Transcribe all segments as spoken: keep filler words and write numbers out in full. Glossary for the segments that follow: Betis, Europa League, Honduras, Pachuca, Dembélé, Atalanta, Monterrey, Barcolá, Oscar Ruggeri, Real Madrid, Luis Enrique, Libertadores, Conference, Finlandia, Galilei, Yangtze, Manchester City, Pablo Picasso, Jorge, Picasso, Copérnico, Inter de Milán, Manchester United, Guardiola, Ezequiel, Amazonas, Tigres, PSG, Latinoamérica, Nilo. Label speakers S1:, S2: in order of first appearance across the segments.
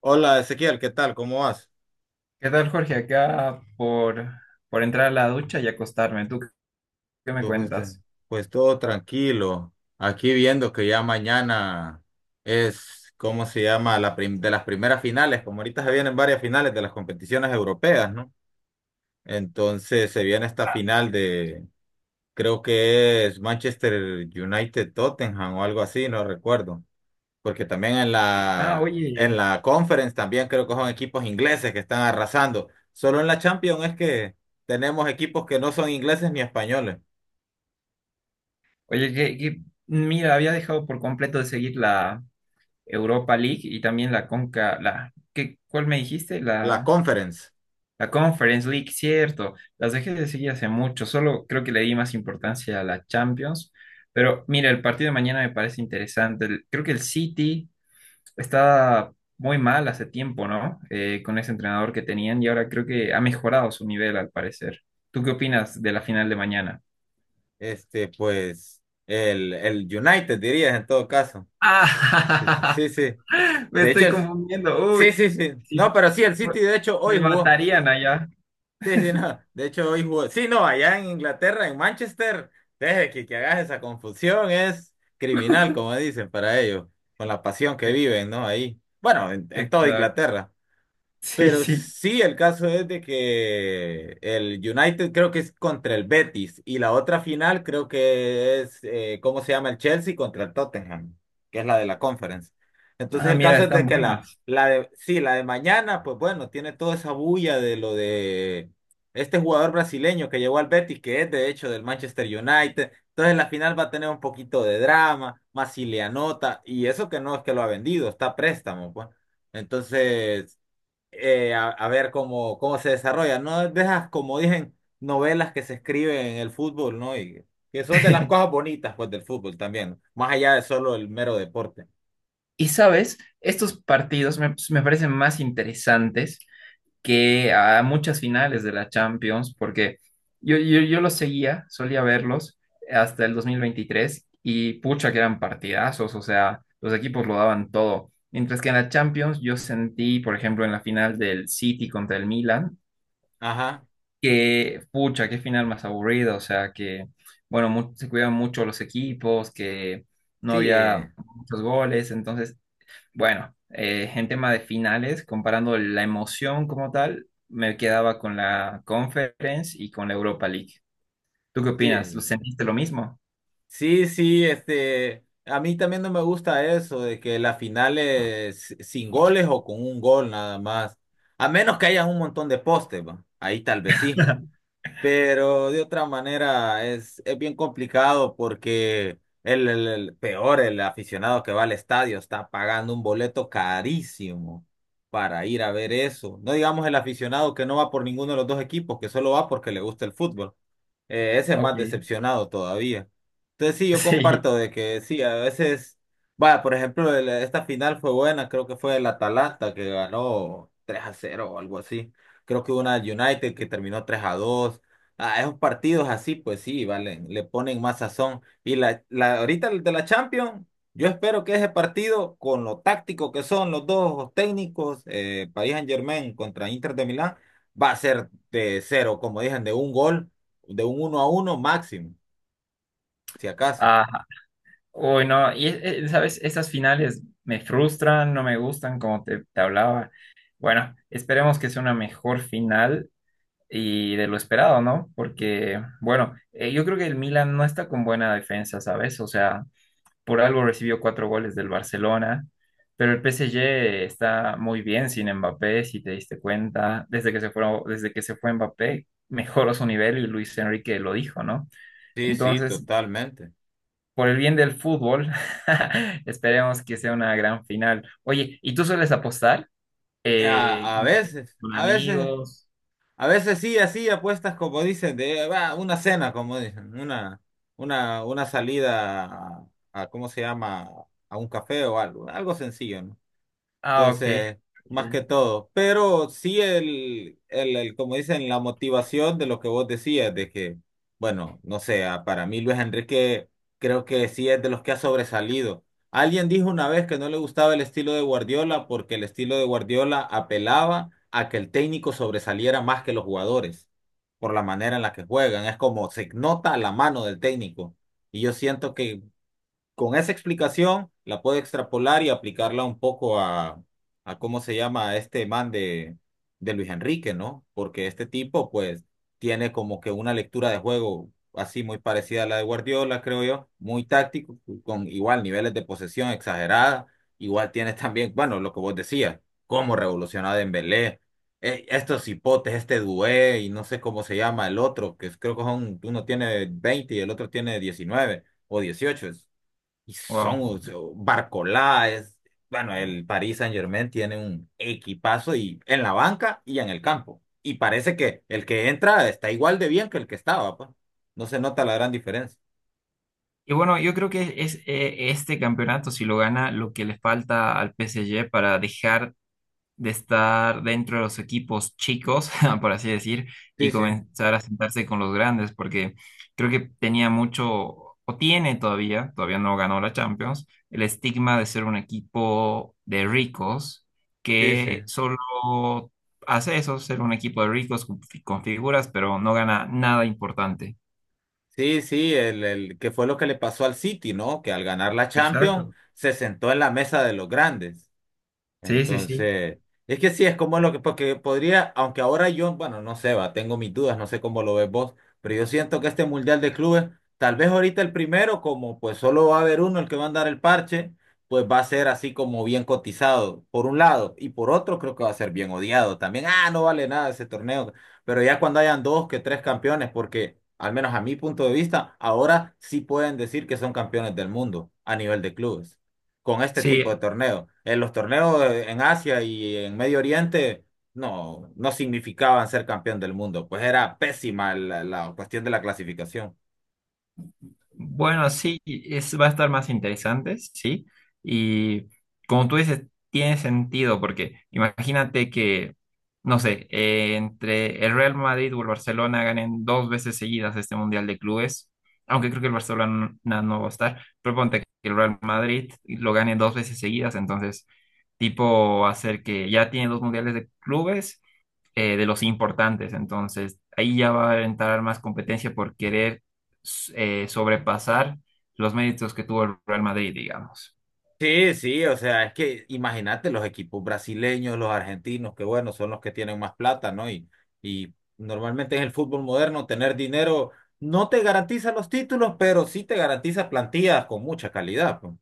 S1: Hola Ezequiel, ¿qué tal? ¿Cómo vas?
S2: ¿Qué tal, Jorge? Acá por, por entrar a la ducha y acostarme. ¿Tú qué me
S1: Tú, Pues, te-
S2: cuentas?
S1: pues todo tranquilo. Aquí viendo que ya mañana es, ¿cómo se llama? La prim- de las primeras finales, como ahorita se vienen varias finales de las competiciones europeas, ¿no? Entonces se viene esta final de, creo que es Manchester United Tottenham o algo así, no recuerdo. Porque también en
S2: Ah,
S1: la,
S2: oye,
S1: en la Conference también creo que son equipos ingleses que están arrasando. Solo en la Champions es que tenemos equipos que no son ingleses ni españoles.
S2: oye, que, que- mira, había dejado por completo de seguir la Europa League y también la Conca, la, ¿qué, cuál me dijiste?
S1: La
S2: La,
S1: Conference,
S2: la Conference League, cierto. Las dejé de seguir hace mucho, solo creo que le di más importancia a la Champions. Pero mira, el partido de mañana me parece interesante. El- Creo que el City está muy mal hace tiempo, ¿no? Eh, con ese entrenador que tenían y ahora creo que ha mejorado su nivel al parecer. ¿Tú qué opinas de la final de mañana?
S1: este, pues el, el United dirías en todo caso. Sí, sí,
S2: Ah,
S1: sí, sí.
S2: me
S1: De hecho,
S2: estoy
S1: el-
S2: confundiendo. Uy,
S1: sí, sí, sí.
S2: sí,
S1: No, pero sí, el City de hecho hoy
S2: me
S1: jugó.
S2: matarían allá.
S1: Sí, sí, no. De hecho, hoy jugó. Sí, no, allá en Inglaterra, en Manchester, deje que, que hagas esa confusión, es criminal, como dicen para ellos, con la pasión que
S2: E-
S1: viven, ¿no? Ahí. Bueno, en, en toda
S2: Exacto.
S1: Inglaterra.
S2: Sí,
S1: Pero
S2: sí.
S1: sí, el caso es de que el United creo que es contra el Betis y la otra final creo que es, eh, ¿cómo se llama? El Chelsea contra el Tottenham, que es la de la Conference. Entonces
S2: Ah,
S1: el
S2: mira,
S1: caso es de
S2: están
S1: que la,
S2: buenas.
S1: la de, sí, la de mañana, pues bueno, tiene toda esa bulla de lo de este jugador brasileño que llegó al Betis, que es de hecho del Manchester United. Entonces la final va a tener un poquito de drama, más si le anota, y eso que no es que lo ha vendido, está a préstamo, pues. Entonces eh, a, a ver cómo, cómo se desarrolla. No dejas, como dicen, novelas que se escriben en el fútbol, ¿no? Y que son de las cosas bonitas, pues, del fútbol también, más allá de solo el mero deporte.
S2: Y sabes, estos partidos me, me parecen más interesantes que a muchas finales de la Champions, porque yo, yo, yo los seguía, solía verlos hasta el dos mil veintitrés y pucha que eran partidazos, o sea, los equipos lo daban todo. Mientras que en la Champions yo sentí, por ejemplo, en la final del City contra el Milan,
S1: Ajá,
S2: que pucha, qué final más aburrido, o sea, que bueno, mu- se cuidaban mucho los equipos, que no
S1: sí,
S2: había
S1: eh,
S2: muchos goles, entonces bueno, eh, en tema de finales, comparando la emoción como tal, me quedaba con la Conference y con la Europa League. ¿Tú qué opinas? ¿Lo
S1: sí,
S2: sentiste lo mismo?
S1: sí, sí, este, a mí también no me gusta eso de que las finales sin goles o con un gol nada más, a menos que haya un montón de postes, va. Ahí tal vez sí. Pero de otra manera es, es, bien complicado porque el, el- el peor, el aficionado que va al estadio está pagando un boleto carísimo para ir a ver eso. No digamos el aficionado que no va por ninguno de los dos equipos, que solo va porque le gusta el fútbol. Eh, ese es más
S2: Ok,
S1: decepcionado todavía. Entonces sí, yo
S2: sí.
S1: comparto de que sí, a veces, vaya, por ejemplo, el- esta final fue buena, creo que fue el Atalanta que ganó tres a cero o algo así. Creo que una United que terminó tres a dos. Ah, esos partidos así, pues sí, valen, le ponen más sazón. Y la, la, ahorita el de la Champions, yo espero que ese partido, con lo táctico que son los dos técnicos, eh, Paris Saint-Germain contra Inter de Milán, va a ser de cero, como dicen, de un gol de un uno a uno máximo, si acaso.
S2: Ajá. Uy, no, y eh, eh, sabes, estas finales me frustran, no me gustan, como te, te hablaba. Bueno, esperemos que sea una mejor final y de lo esperado, ¿no? Porque, bueno, eh, yo creo que el Milan no está con buena defensa, ¿sabes? O sea, por algo recibió cuatro goles del Barcelona, pero el P S G está muy bien sin Mbappé, si te diste cuenta, desde que se fue, desde que se fue Mbappé, mejoró su nivel y Luis Enrique lo dijo, ¿no?
S1: Sí, sí,
S2: Entonces,
S1: totalmente.
S2: por el bien del fútbol, esperemos que sea una gran final. Oye, ¿y tú sueles apostar? Eh,
S1: A, a
S2: no sé,
S1: veces,
S2: con
S1: a veces,
S2: amigos.
S1: a veces sí, así apuestas como dicen, de va, una cena, como dicen, una, una, una salida a, a, ¿cómo se llama? A un café o algo, algo sencillo, ¿no?
S2: Ah, ok,
S1: Entonces, más que
S2: ok.
S1: todo. Pero sí el, el, el, como dicen, la motivación de lo que vos decías, de que, bueno, no sé, a- para mí Luis Enrique creo que sí es de los que ha sobresalido. Alguien dijo una vez que no le gustaba el estilo de Guardiola porque el estilo de Guardiola apelaba a que el técnico sobresaliera más que los jugadores por la manera en la que juegan. Es como se nota la mano del técnico. Y yo siento que con esa explicación la puedo extrapolar y aplicarla un poco a, a cómo se llama a este man de, de Luis Enrique, ¿no? Porque este tipo, pues, tiene como que una lectura de juego así muy parecida a la de Guardiola, creo yo, muy táctico, con igual niveles de posesión exagerada, igual tienes también, bueno, lo que vos decías, cómo revolucionar a Dembélé, eh, estos hipotes, este Dué y no sé cómo se llama el otro, que creo que son, uno tiene veinte y el otro tiene diecinueve o dieciocho. Y
S2: Wow.
S1: son o sea, Barcolá, es, bueno, el Paris Saint-Germain tiene un equipazo y en la banca y en el campo. Y parece que el que entra está igual de bien que el que estaba, pues. No se nota la gran diferencia.
S2: Y bueno, yo creo que es eh, este campeonato, si lo gana, lo que le falta al P S G para dejar de estar dentro de los equipos chicos, por así decir,
S1: Sí,
S2: y
S1: sí,
S2: comenzar a sentarse con los grandes, porque creo que tenía mucho, o tiene todavía, todavía no ganó la Champions, el estigma de ser un equipo de ricos
S1: sí, sí.
S2: que solo hace eso, ser un equipo de ricos con, fi- con figuras, pero no gana nada importante.
S1: Sí, sí, el, el que fue lo que le pasó al City, ¿no? Que al ganar la Champions
S2: Exacto.
S1: se sentó en la mesa de los grandes.
S2: Sí, sí, sí. Bueno,
S1: Entonces, es que sí, es como lo que, porque podría, aunque ahora yo, bueno, no sé, va, tengo mis dudas, no sé cómo lo ves vos, pero yo siento que este Mundial de Clubes, tal vez ahorita el primero, como pues solo va a haber uno el que va a andar el parche, pues va a ser así como bien cotizado, por un lado, y por otro creo que va a ser bien odiado también, ah, no vale nada ese torneo, pero ya cuando hayan dos que tres campeones, porque al menos a mi punto de vista, ahora sí pueden decir que son campeones del mundo a nivel de clubes con este tipo de
S2: sí,
S1: torneos. En los torneos eh, en Asia y en Medio Oriente no, no significaban ser campeón del mundo, pues era pésima la, la cuestión de la clasificación.
S2: bueno, sí, es, va a estar más interesante, sí. Y como tú dices, tiene sentido, porque imagínate que, no sé, eh, entre el Real Madrid o el Barcelona ganen dos veces seguidas este Mundial de Clubes, aunque creo que el Barcelona no va a estar, pero ponte que el Real Madrid lo gane dos veces seguidas, entonces, tipo, hacer que ya tiene dos Mundiales de Clubes eh, de los importantes. Entonces, ahí ya va a entrar más competencia por querer s- eh, sobrepasar los méritos que tuvo el Real Madrid, digamos.
S1: Sí, sí, o sea, es que imagínate los equipos brasileños, los argentinos, que bueno, son los que tienen más plata, ¿no? Y, y normalmente en el fútbol moderno tener dinero no te garantiza los títulos, pero sí te garantiza plantillas con mucha calidad, pues.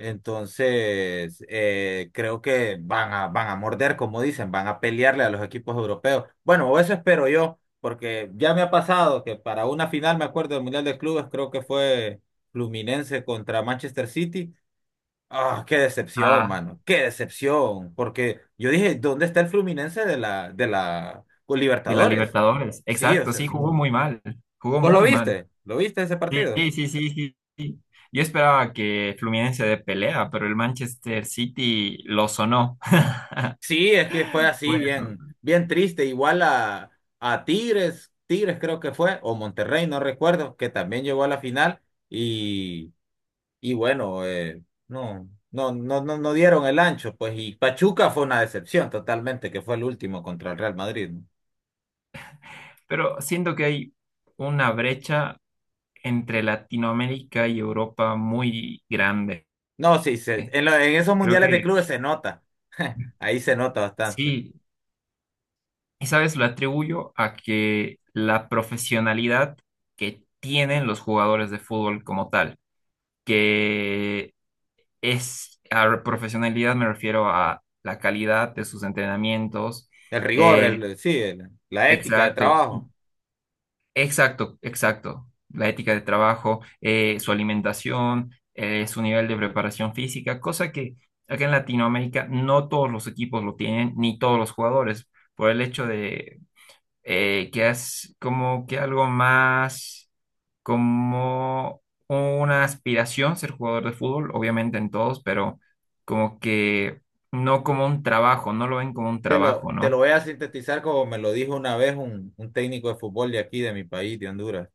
S1: Entonces, eh, creo que van a, van a morder, como dicen, van a pelearle a los equipos europeos. Bueno, o eso espero yo, porque ya me ha pasado que para una final, me acuerdo del Mundial de Clubes, creo que fue Fluminense contra Manchester City. Ah, qué decepción,
S2: Ah,
S1: mano, qué decepción, porque yo dije, ¿dónde está el Fluminense de la, de la con
S2: de la
S1: Libertadores?
S2: Libertadores.
S1: Sí, o
S2: Exacto,
S1: sea,
S2: sí, jugó
S1: mm.
S2: muy mal. Jugó
S1: ¿Vos lo
S2: muy mal.
S1: viste? ¿Lo viste ese
S2: Sí,
S1: partido?
S2: sí, sí, sí, sí, sí. Yo esperaba que Fluminense de pelea, pero el Manchester City lo sonó.
S1: Sí, es que fue
S2: Fue
S1: así,
S2: eso.
S1: bien, bien triste. Igual a, a Tigres, Tigres, creo que fue, o Monterrey, no recuerdo, que también llegó a la final y, y bueno, eh, no, no, no, no, no dieron el ancho, pues, y Pachuca fue una decepción totalmente, que fue el último contra el Real Madrid. No,
S2: Pero siento que hay una brecha entre Latinoamérica y Europa muy grande.
S1: no, sí, se- en, lo- en esos
S2: Creo
S1: mundiales de
S2: que
S1: clubes se nota, ahí se nota bastante.
S2: sí, esa vez lo atribuyo a que la profesionalidad que tienen los jugadores de fútbol como tal, que es, a profesionalidad me refiero a la calidad de sus entrenamientos,
S1: El rigor,
S2: eh,
S1: el, sí, el- la ética de
S2: exacto,
S1: trabajo.
S2: exacto, exacto, la ética de trabajo, eh, su alimentación, eh, su nivel de preparación física, cosa que acá en Latinoamérica no todos los equipos lo tienen, ni todos los jugadores por el hecho de eh, que es como que algo más como una aspiración ser jugador de fútbol, obviamente en todos, pero como que no como un trabajo, no lo ven como un
S1: Te lo,
S2: trabajo,
S1: te lo
S2: ¿no?
S1: voy a sintetizar como me lo dijo una vez un, un técnico de fútbol de aquí, de mi país, de Honduras.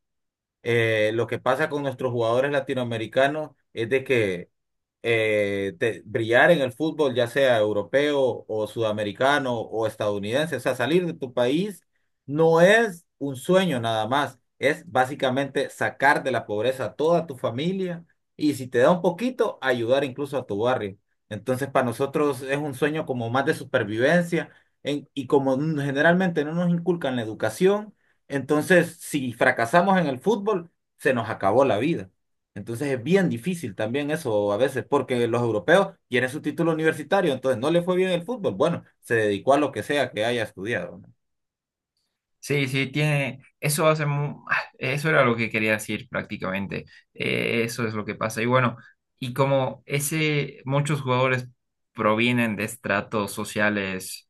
S1: Eh, lo que pasa con nuestros jugadores latinoamericanos es de que eh, te- brillar en el fútbol, ya sea europeo o sudamericano o estadounidense. O sea, salir de tu país no es un sueño nada más, es básicamente sacar de la pobreza a toda tu familia y si te da un poquito, ayudar incluso a tu barrio. Entonces, para nosotros es un sueño como más de supervivencia en- y como n- generalmente no nos inculcan la educación, entonces si fracasamos en el fútbol, se nos acabó la vida. Entonces es bien difícil también eso a veces, porque los europeos quieren su título universitario, entonces no le fue bien el fútbol. Bueno, se dedicó a lo que sea que haya estudiado, ¿no?
S2: Sí, sí, tiene, eso hace mu- ah, eso era lo que quería decir prácticamente. Eh, eso es lo que pasa. Y bueno, y como ese, muchos jugadores provienen de estratos sociales,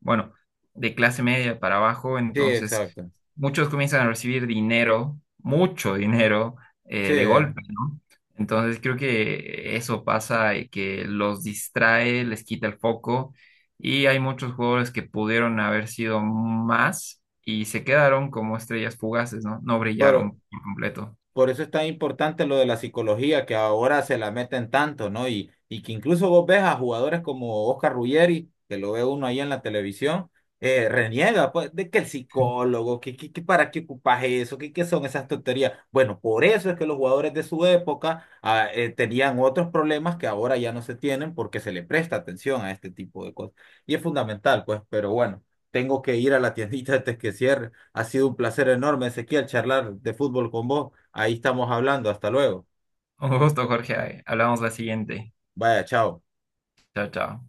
S2: bueno, de clase media para abajo,
S1: Sí,
S2: entonces
S1: exacto.
S2: muchos comienzan a recibir dinero, mucho dinero,
S1: Sí,
S2: eh, de golpe, ¿no? Entonces creo que eso pasa y que los distrae, les quita el foco y hay muchos jugadores que pudieron haber sido más y se quedaron como estrellas fugaces, ¿no? No brillaron por completo.
S1: por eso es tan importante lo de la psicología, que ahora se la meten tanto, ¿no? Y, y que incluso vos ves a jugadores como Oscar Ruggeri, que lo ve uno ahí en la televisión, eh, reniega, pues, de que el psicólogo, que, que, que para qué ocupas eso, que qué son esas tonterías. Bueno, por eso es que los jugadores de su época ah, eh, tenían otros problemas que ahora ya no se tienen porque se le presta atención a este tipo de cosas. Y es fundamental, pues, pero bueno. Tengo que ir a la tiendita antes que cierre. Ha sido un placer enorme, Ezequiel, charlar de fútbol con vos. Ahí estamos hablando. Hasta luego.
S2: Un gusto, Jorge. Hablamos la siguiente.
S1: Vaya, chao.
S2: Chao, chao.